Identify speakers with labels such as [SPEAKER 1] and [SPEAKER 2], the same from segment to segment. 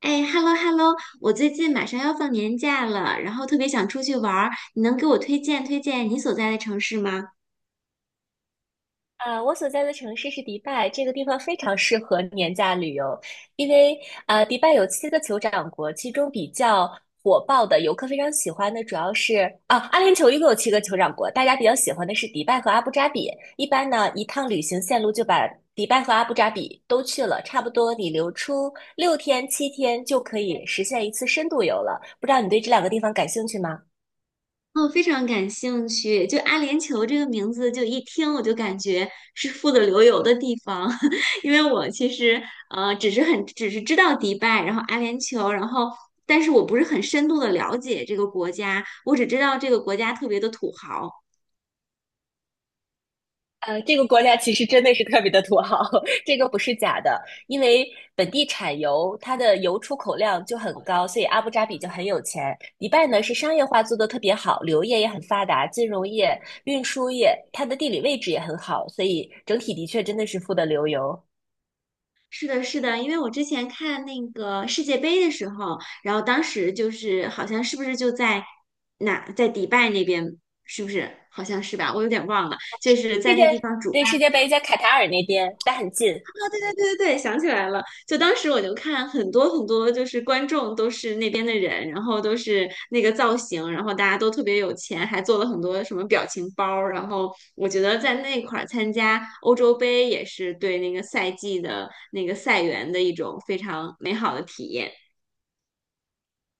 [SPEAKER 1] 哎，hello hello，我最近马上要放年假了，然后特别想出去玩儿，你能给我推荐推荐你所在的城市吗？
[SPEAKER 2] 我所在的城市是迪拜，这个地方非常适合年假旅游，因为迪拜有七个酋长国，其中比较火爆的游客非常喜欢的主要是阿联酋一共有七个酋长国，大家比较喜欢的是迪拜和阿布扎比。一般呢，一趟旅行线路就把迪拜和阿布扎比都去了，差不多你留出6天7天就可以实现一次深度游了。不知道你对这两个地方感兴趣吗？
[SPEAKER 1] 哦，非常感兴趣。就阿联酋这个名字，就一听我就感觉是富得流油的地方，因为我其实只是只是知道迪拜，然后阿联酋，然后但是我不是很深度的了解这个国家，我只知道这个国家特别的土豪。
[SPEAKER 2] 这个国家其实真的是特别的土豪，这个不是假的，因为本地产油，它的油出口量就很高，所以阿布扎比就很有钱。迪拜呢是商业化做得特别好，旅游业也很发达，金融业、运输业，它的地理位置也很好，所以整体的确真的是富得流油。
[SPEAKER 1] 是的，是的，因为我之前看那个世界杯的时候，然后当时就是好像是不是就在哪，在迪拜那边，是不是？好像是吧，我有点忘了，就是在
[SPEAKER 2] 世
[SPEAKER 1] 那
[SPEAKER 2] 界
[SPEAKER 1] 个地方主
[SPEAKER 2] 对，
[SPEAKER 1] 办。
[SPEAKER 2] 世界杯在卡塔尔那边，但很近。
[SPEAKER 1] 对对对，想起来了。就当时我就看很多很多，就是观众都是那边的人，然后都是那个造型，然后大家都特别有钱，还做了很多什么表情包儿。然后我觉得在那块儿参加欧洲杯也是对那个赛季的那个赛员的一种非常美好的体验。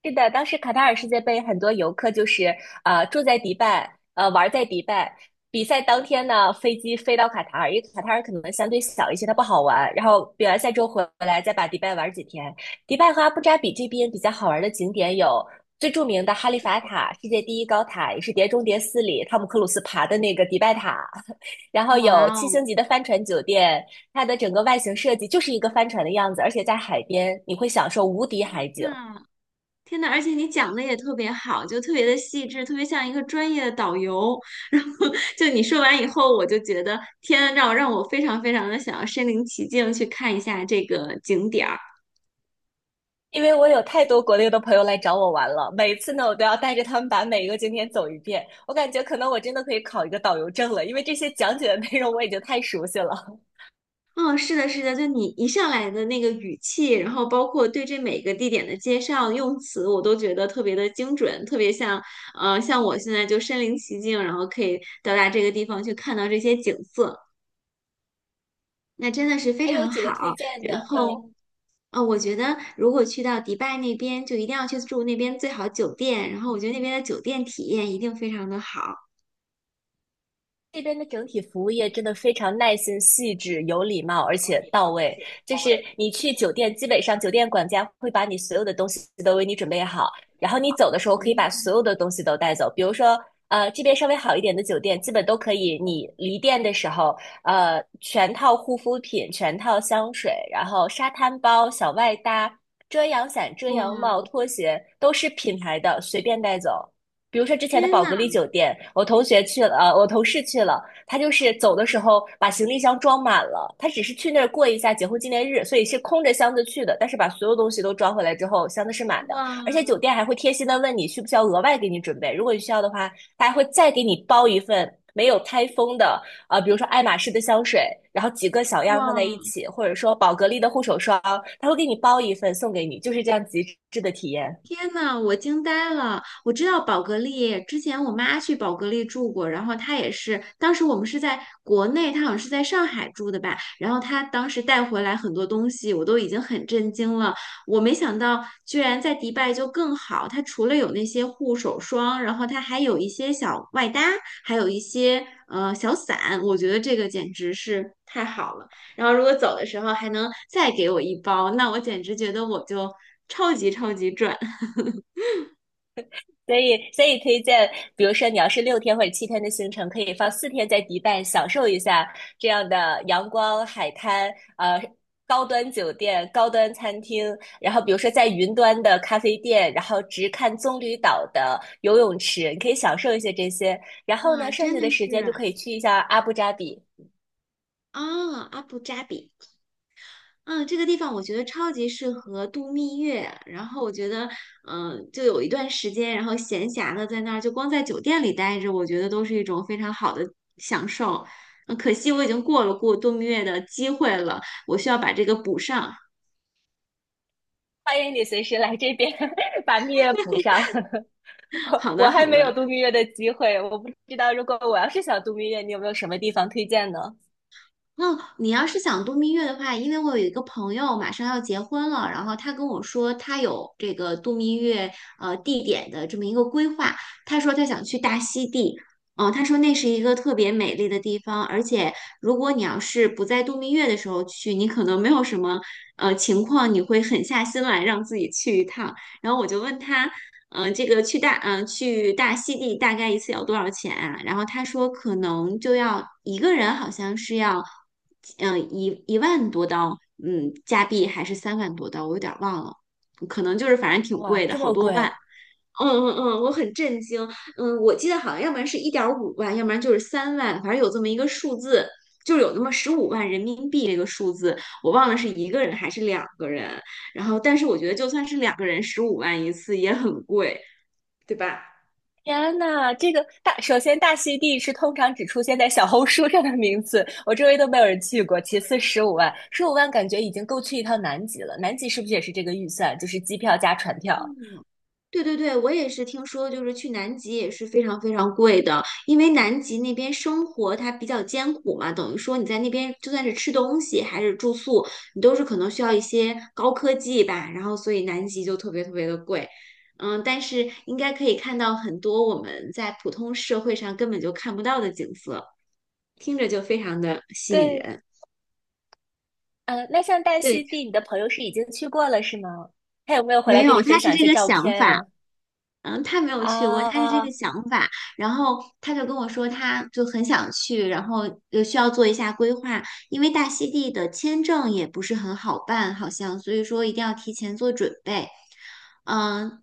[SPEAKER 2] 是的，当时卡塔尔世界杯，很多游客就是住在迪拜，玩在迪拜。比赛当天呢，飞机飞到卡塔尔，因为卡塔尔可能相对小一些，它不好玩。然后比完赛之后回来，再把迪拜玩几天。迪拜和阿布扎比这边比较好玩的景点有最著名的哈利法塔，世界第一高塔，也是《碟中谍四》里汤姆克鲁斯爬的那个迪拜塔。然后有
[SPEAKER 1] 哇
[SPEAKER 2] 七
[SPEAKER 1] 哦，
[SPEAKER 2] 星级的帆船酒店，它的整个外形设计就是一个帆船的样子，而且在海边，你会享受无敌海景。
[SPEAKER 1] 那天呐，而且你讲的也特别好，就特别的细致，特别像一个专业的导游。然后就你说完以后，我就觉得天，让我非常非常的想要身临其境去看一下这个景点儿。
[SPEAKER 2] 因为我有太多国内的朋友来找我玩了，每次呢，我都要带着他们把每一个景点走一遍。我感觉可能我真的可以考一个导游证了，因为这些讲解的内容我已经太熟悉了。
[SPEAKER 1] 哦，是的，是的，就你一上来的那个语气，然后包括对这每个地点的介绍用词，我都觉得特别的精准，特别像像我现在就身临其境，然后可以到达这个地方去看到这些景色，那真的是非
[SPEAKER 2] 还有
[SPEAKER 1] 常
[SPEAKER 2] 几
[SPEAKER 1] 好。
[SPEAKER 2] 个推荐
[SPEAKER 1] 然
[SPEAKER 2] 的，嗯。
[SPEAKER 1] 后。啊、我觉得如果去到迪拜那边，就一定要去住那边最好酒店，然后我觉得那边的酒店体验一定非常的好。
[SPEAKER 2] 这边的整体服务业真的非常耐心、细致、有礼貌，而且到位。就是你去酒店，基本上酒店管家会把你所有的东西都为你准备好，然后你走的时候可以把
[SPEAKER 1] 嗯
[SPEAKER 2] 所有的东西都带走。比如说，这边稍微好一点的酒店，基本都可以，你离店的时候，全套护肤品、全套香水，然后沙滩包、小外搭、遮阳伞、遮阳
[SPEAKER 1] 哇，
[SPEAKER 2] 帽、拖鞋都是品牌的，随便带走。比如说之前的
[SPEAKER 1] 天
[SPEAKER 2] 宝
[SPEAKER 1] 呐，
[SPEAKER 2] 格丽酒店，我同事去了，他就是走的时候把行李箱装满了，他只是去那儿过一下结婚纪念日，所以是空着箱子去的，但是把所有东西都装回来之后，箱子是满的，
[SPEAKER 1] 哇
[SPEAKER 2] 而且酒店还会贴心的问你需不需要额外给你准备，如果你需要的话，他还会再给你包一份没有开封的，比如说爱马仕的香水，然后几个小样放在一
[SPEAKER 1] 哇！
[SPEAKER 2] 起，或者说宝格丽的护手霜，他会给你包一份送给你，就是这样极致的体验。
[SPEAKER 1] 天呐，我惊呆了！我知道宝格丽，之前我妈去宝格丽住过，然后她也是，当时我们是在国内，她好像是在上海住的吧，然后她当时带回来很多东西，我都已经很震惊了。我没想到居然在迪拜就更好，它除了有那些护手霜，然后它还有一些小外搭，还有一些小伞，我觉得这个简直是太好了。然后如果走的时候还能再给我一包，那我简直觉得我就超级超级赚。
[SPEAKER 2] 所以推荐，比如说你要是6天或者7天的行程，可以放四天在迪拜享受一下这样的阳光、海滩，呃，高端酒店、高端餐厅，然后比如说在云端的咖啡店，然后直看棕榈岛的游泳池，你可以享受一些这些。然
[SPEAKER 1] 哇，
[SPEAKER 2] 后呢，剩
[SPEAKER 1] 真
[SPEAKER 2] 下
[SPEAKER 1] 的
[SPEAKER 2] 的时
[SPEAKER 1] 是
[SPEAKER 2] 间就可以去一下阿布扎比。
[SPEAKER 1] 啊，阿布扎比，嗯，这个地方我觉得超级适合度蜜月。然后我觉得，就有一段时间，然后闲暇的在那儿，就光在酒店里待着，我觉得都是一种非常好的享受。可惜我已经过了过度蜜月的机会了，我需要把这个补上。
[SPEAKER 2] 欢迎你随时来这边 把蜜月补上。
[SPEAKER 1] 好
[SPEAKER 2] 我
[SPEAKER 1] 的，
[SPEAKER 2] 还
[SPEAKER 1] 好
[SPEAKER 2] 没有
[SPEAKER 1] 的。
[SPEAKER 2] 度蜜月的机会，我不知道如果我要是想度蜜月，你有没有什么地方推荐呢？
[SPEAKER 1] 哦，你要是想度蜜月的话，因为我有一个朋友马上要结婚了，然后他跟我说他有这个度蜜月地点的这么一个规划，他说他想去大溪地，他说那是一个特别美丽的地方，而且如果你要是不在度蜜月的时候去，你可能没有什么情况，你会狠下心来让自己去一趟。然后我就问他，去大溪地大概一次要多少钱啊？然后他说可能就要一个人好像是要，1万多刀，加币还是3万多刀，我有点儿忘了，可能就是反正挺
[SPEAKER 2] 哇，
[SPEAKER 1] 贵的，
[SPEAKER 2] 这
[SPEAKER 1] 好
[SPEAKER 2] 么
[SPEAKER 1] 多万。
[SPEAKER 2] 贵！
[SPEAKER 1] 嗯嗯嗯，我很震惊。我记得好像要不然是1.5万，要不然就是三万，反正有这么一个数字，就是有那么十五万人民币这个数字，我忘了是一个人还是两个人。然后，但是我觉得就算是两个人，十五万一次也很贵。对吧？
[SPEAKER 2] 天呐，这个大，首先大溪地是通常只出现在小红书上的名字，我周围都没有人去过。其次，十五万，十五万感觉已经够去一趟南极了。南极是不是也是这个预算，就是机票加船票？
[SPEAKER 1] 对对对，我也是听说，就是去南极也是非常非常贵的，因为南极那边生活它比较艰苦嘛，等于说你在那边就算是吃东西还是住宿，你都是可能需要一些高科技吧，然后所以南极就特别特别的贵，但是应该可以看到很多我们在普通社会上根本就看不到的景色，听着就非常的吸引
[SPEAKER 2] 对，
[SPEAKER 1] 人。
[SPEAKER 2] 那像大溪
[SPEAKER 1] 对，
[SPEAKER 2] 地，你的朋友是已经去过了是吗？他有没有回
[SPEAKER 1] 没
[SPEAKER 2] 来跟
[SPEAKER 1] 有，
[SPEAKER 2] 你
[SPEAKER 1] 他
[SPEAKER 2] 分
[SPEAKER 1] 是
[SPEAKER 2] 享一
[SPEAKER 1] 这
[SPEAKER 2] 些
[SPEAKER 1] 个
[SPEAKER 2] 照
[SPEAKER 1] 想
[SPEAKER 2] 片
[SPEAKER 1] 法。
[SPEAKER 2] 啊？
[SPEAKER 1] 他没有去过，他是这个
[SPEAKER 2] 啊，
[SPEAKER 1] 想法，然后他就跟我说，他就很想去，然后需要做一下规划，因为大溪地的签证也不是很好办，好像，所以说一定要提前做准备。嗯，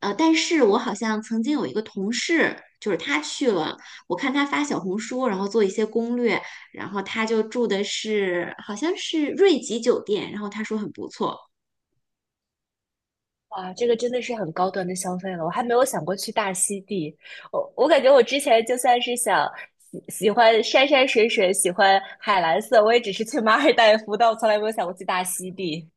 [SPEAKER 1] 但是我好像曾经有一个同事，就是他去了，我看他发小红书，然后做一些攻略，然后他就住的是好像是瑞吉酒店，然后他说很不错。
[SPEAKER 2] 哇，这个真的是很高端的消费了，我还没有想过去大溪地。我感觉我之前就算是想喜欢山山水水，喜欢海蓝色，我也只是去马尔代夫，但我从来没有想过去大溪地。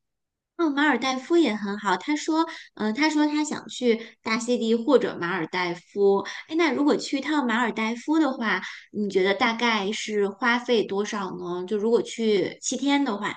[SPEAKER 1] 哦，马尔代夫也很好。他说他想去大溪地或者马尔代夫。哎，那如果去一趟马尔代夫的话，你觉得大概是花费多少呢？就如果去7天的话，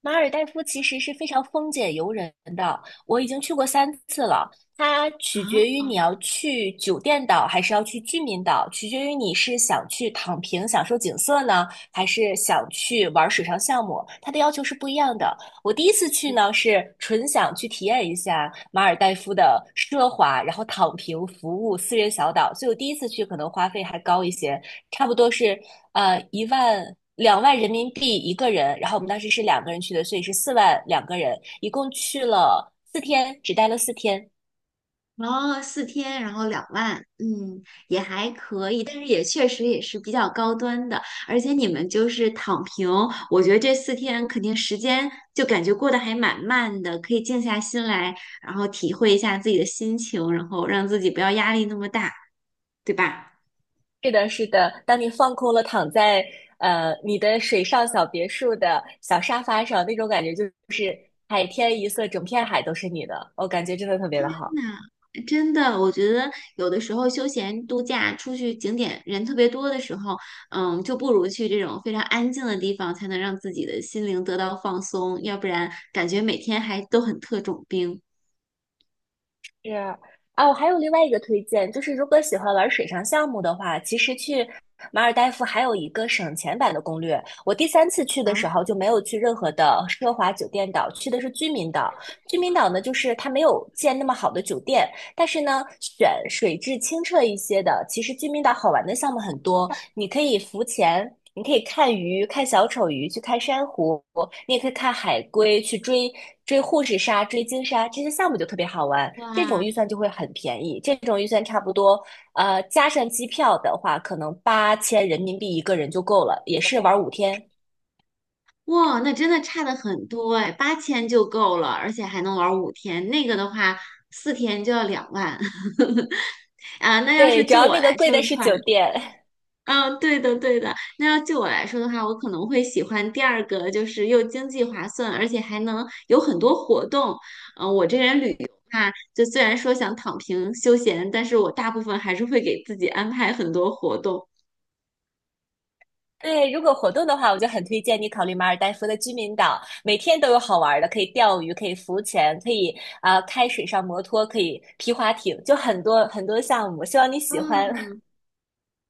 [SPEAKER 2] 马尔代夫其实是非常风解游人的，我已经去过三次了。它取决于你
[SPEAKER 1] 啊。
[SPEAKER 2] 要去酒店岛还是要去居民岛，取决于你是想去躺平享受景色呢，还是想去玩水上项目，它的要求是不一样的。我第一次去呢是纯想去体验一下马尔代夫的奢华，然后躺平服务私人小岛，所以我第一次去可能花费还高一些。差不多是一万两万人民币一个人，然后我们当时是两个人去的，所以是4万两个人，一共去了四天，只待了四天。
[SPEAKER 1] 哦，四天，然后两万，也还可以，但是也确实也是比较高端的，而且你们就是躺平，我觉得这四天肯定时间就感觉过得还蛮慢的，可以静下心来，然后体会一下自己的心情，然后让自己不要压力那么大，对吧？
[SPEAKER 2] 是的，是的，当你放空了，躺在你的水上小别墅的小沙发上，那种感觉就是海天一色，整片海都是你的，我感觉真的特别的好。
[SPEAKER 1] 那真的，我觉得有的时候休闲度假出去景点人特别多的时候，就不如去这种非常安静的地方，才能让自己的心灵得到放松，要不然感觉每天还都很特种兵。
[SPEAKER 2] 是啊，我还有另外一个推荐，就是如果喜欢玩水上项目的话，其实去马尔代夫还有一个省钱版的攻略。我第三次去的
[SPEAKER 1] 啊，
[SPEAKER 2] 时候就没有去任何的奢华酒店岛，去的是居民岛。居民岛呢，就是它没有建那么好的酒店，但是呢，选水质清澈一些的，其实居民岛好玩的项目很多。你可以浮潜，你可以看鱼、看小丑鱼，去看珊瑚，你也可以看海龟，去追护士鲨、追鲸鲨，这些项目就特别好玩。这种
[SPEAKER 1] 哇
[SPEAKER 2] 预算就会很便宜，这种预算差不多，加上机票的话，可能8000人民币一个人就够了，也是玩5天。
[SPEAKER 1] 哇，那真的差的很多哎，8000就够了，而且还能玩5天，那个的话四天就要两万。啊，那要是
[SPEAKER 2] 对，主
[SPEAKER 1] 就
[SPEAKER 2] 要
[SPEAKER 1] 我
[SPEAKER 2] 那个
[SPEAKER 1] 来
[SPEAKER 2] 贵
[SPEAKER 1] 说
[SPEAKER 2] 的
[SPEAKER 1] 的
[SPEAKER 2] 是
[SPEAKER 1] 话。
[SPEAKER 2] 酒店。
[SPEAKER 1] 嗯，对的，对的。那要就我来说的话，我可能会喜欢第二个，就是又经济划算，而且还能有很多活动。我这人旅游嘛，就虽然说想躺平休闲，但是我大部分还是会给自己安排很多活动。
[SPEAKER 2] 对，如果活动的话，我就很推荐你考虑马尔代夫的居民岛，每天都有好玩的，可以钓鱼，可以浮潜，可以开水上摩托，可以皮划艇，就很多很多项目，希望你喜欢。
[SPEAKER 1] 嗯，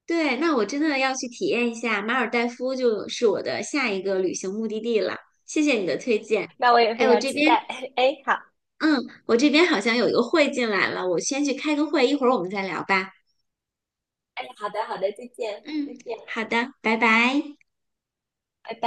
[SPEAKER 1] 对，那我真的要去体验一下马尔代夫，就是我的下一个旅行目的地了。谢谢你的推荐。
[SPEAKER 2] 那我也非
[SPEAKER 1] 哎，
[SPEAKER 2] 常期待。哎，好，
[SPEAKER 1] 嗯，我这边好像有一个会进来了，我先去开个会，一会儿我们再聊吧。
[SPEAKER 2] 哎，好的，好的，再见，
[SPEAKER 1] 嗯，好的，拜拜。
[SPEAKER 2] 拜拜。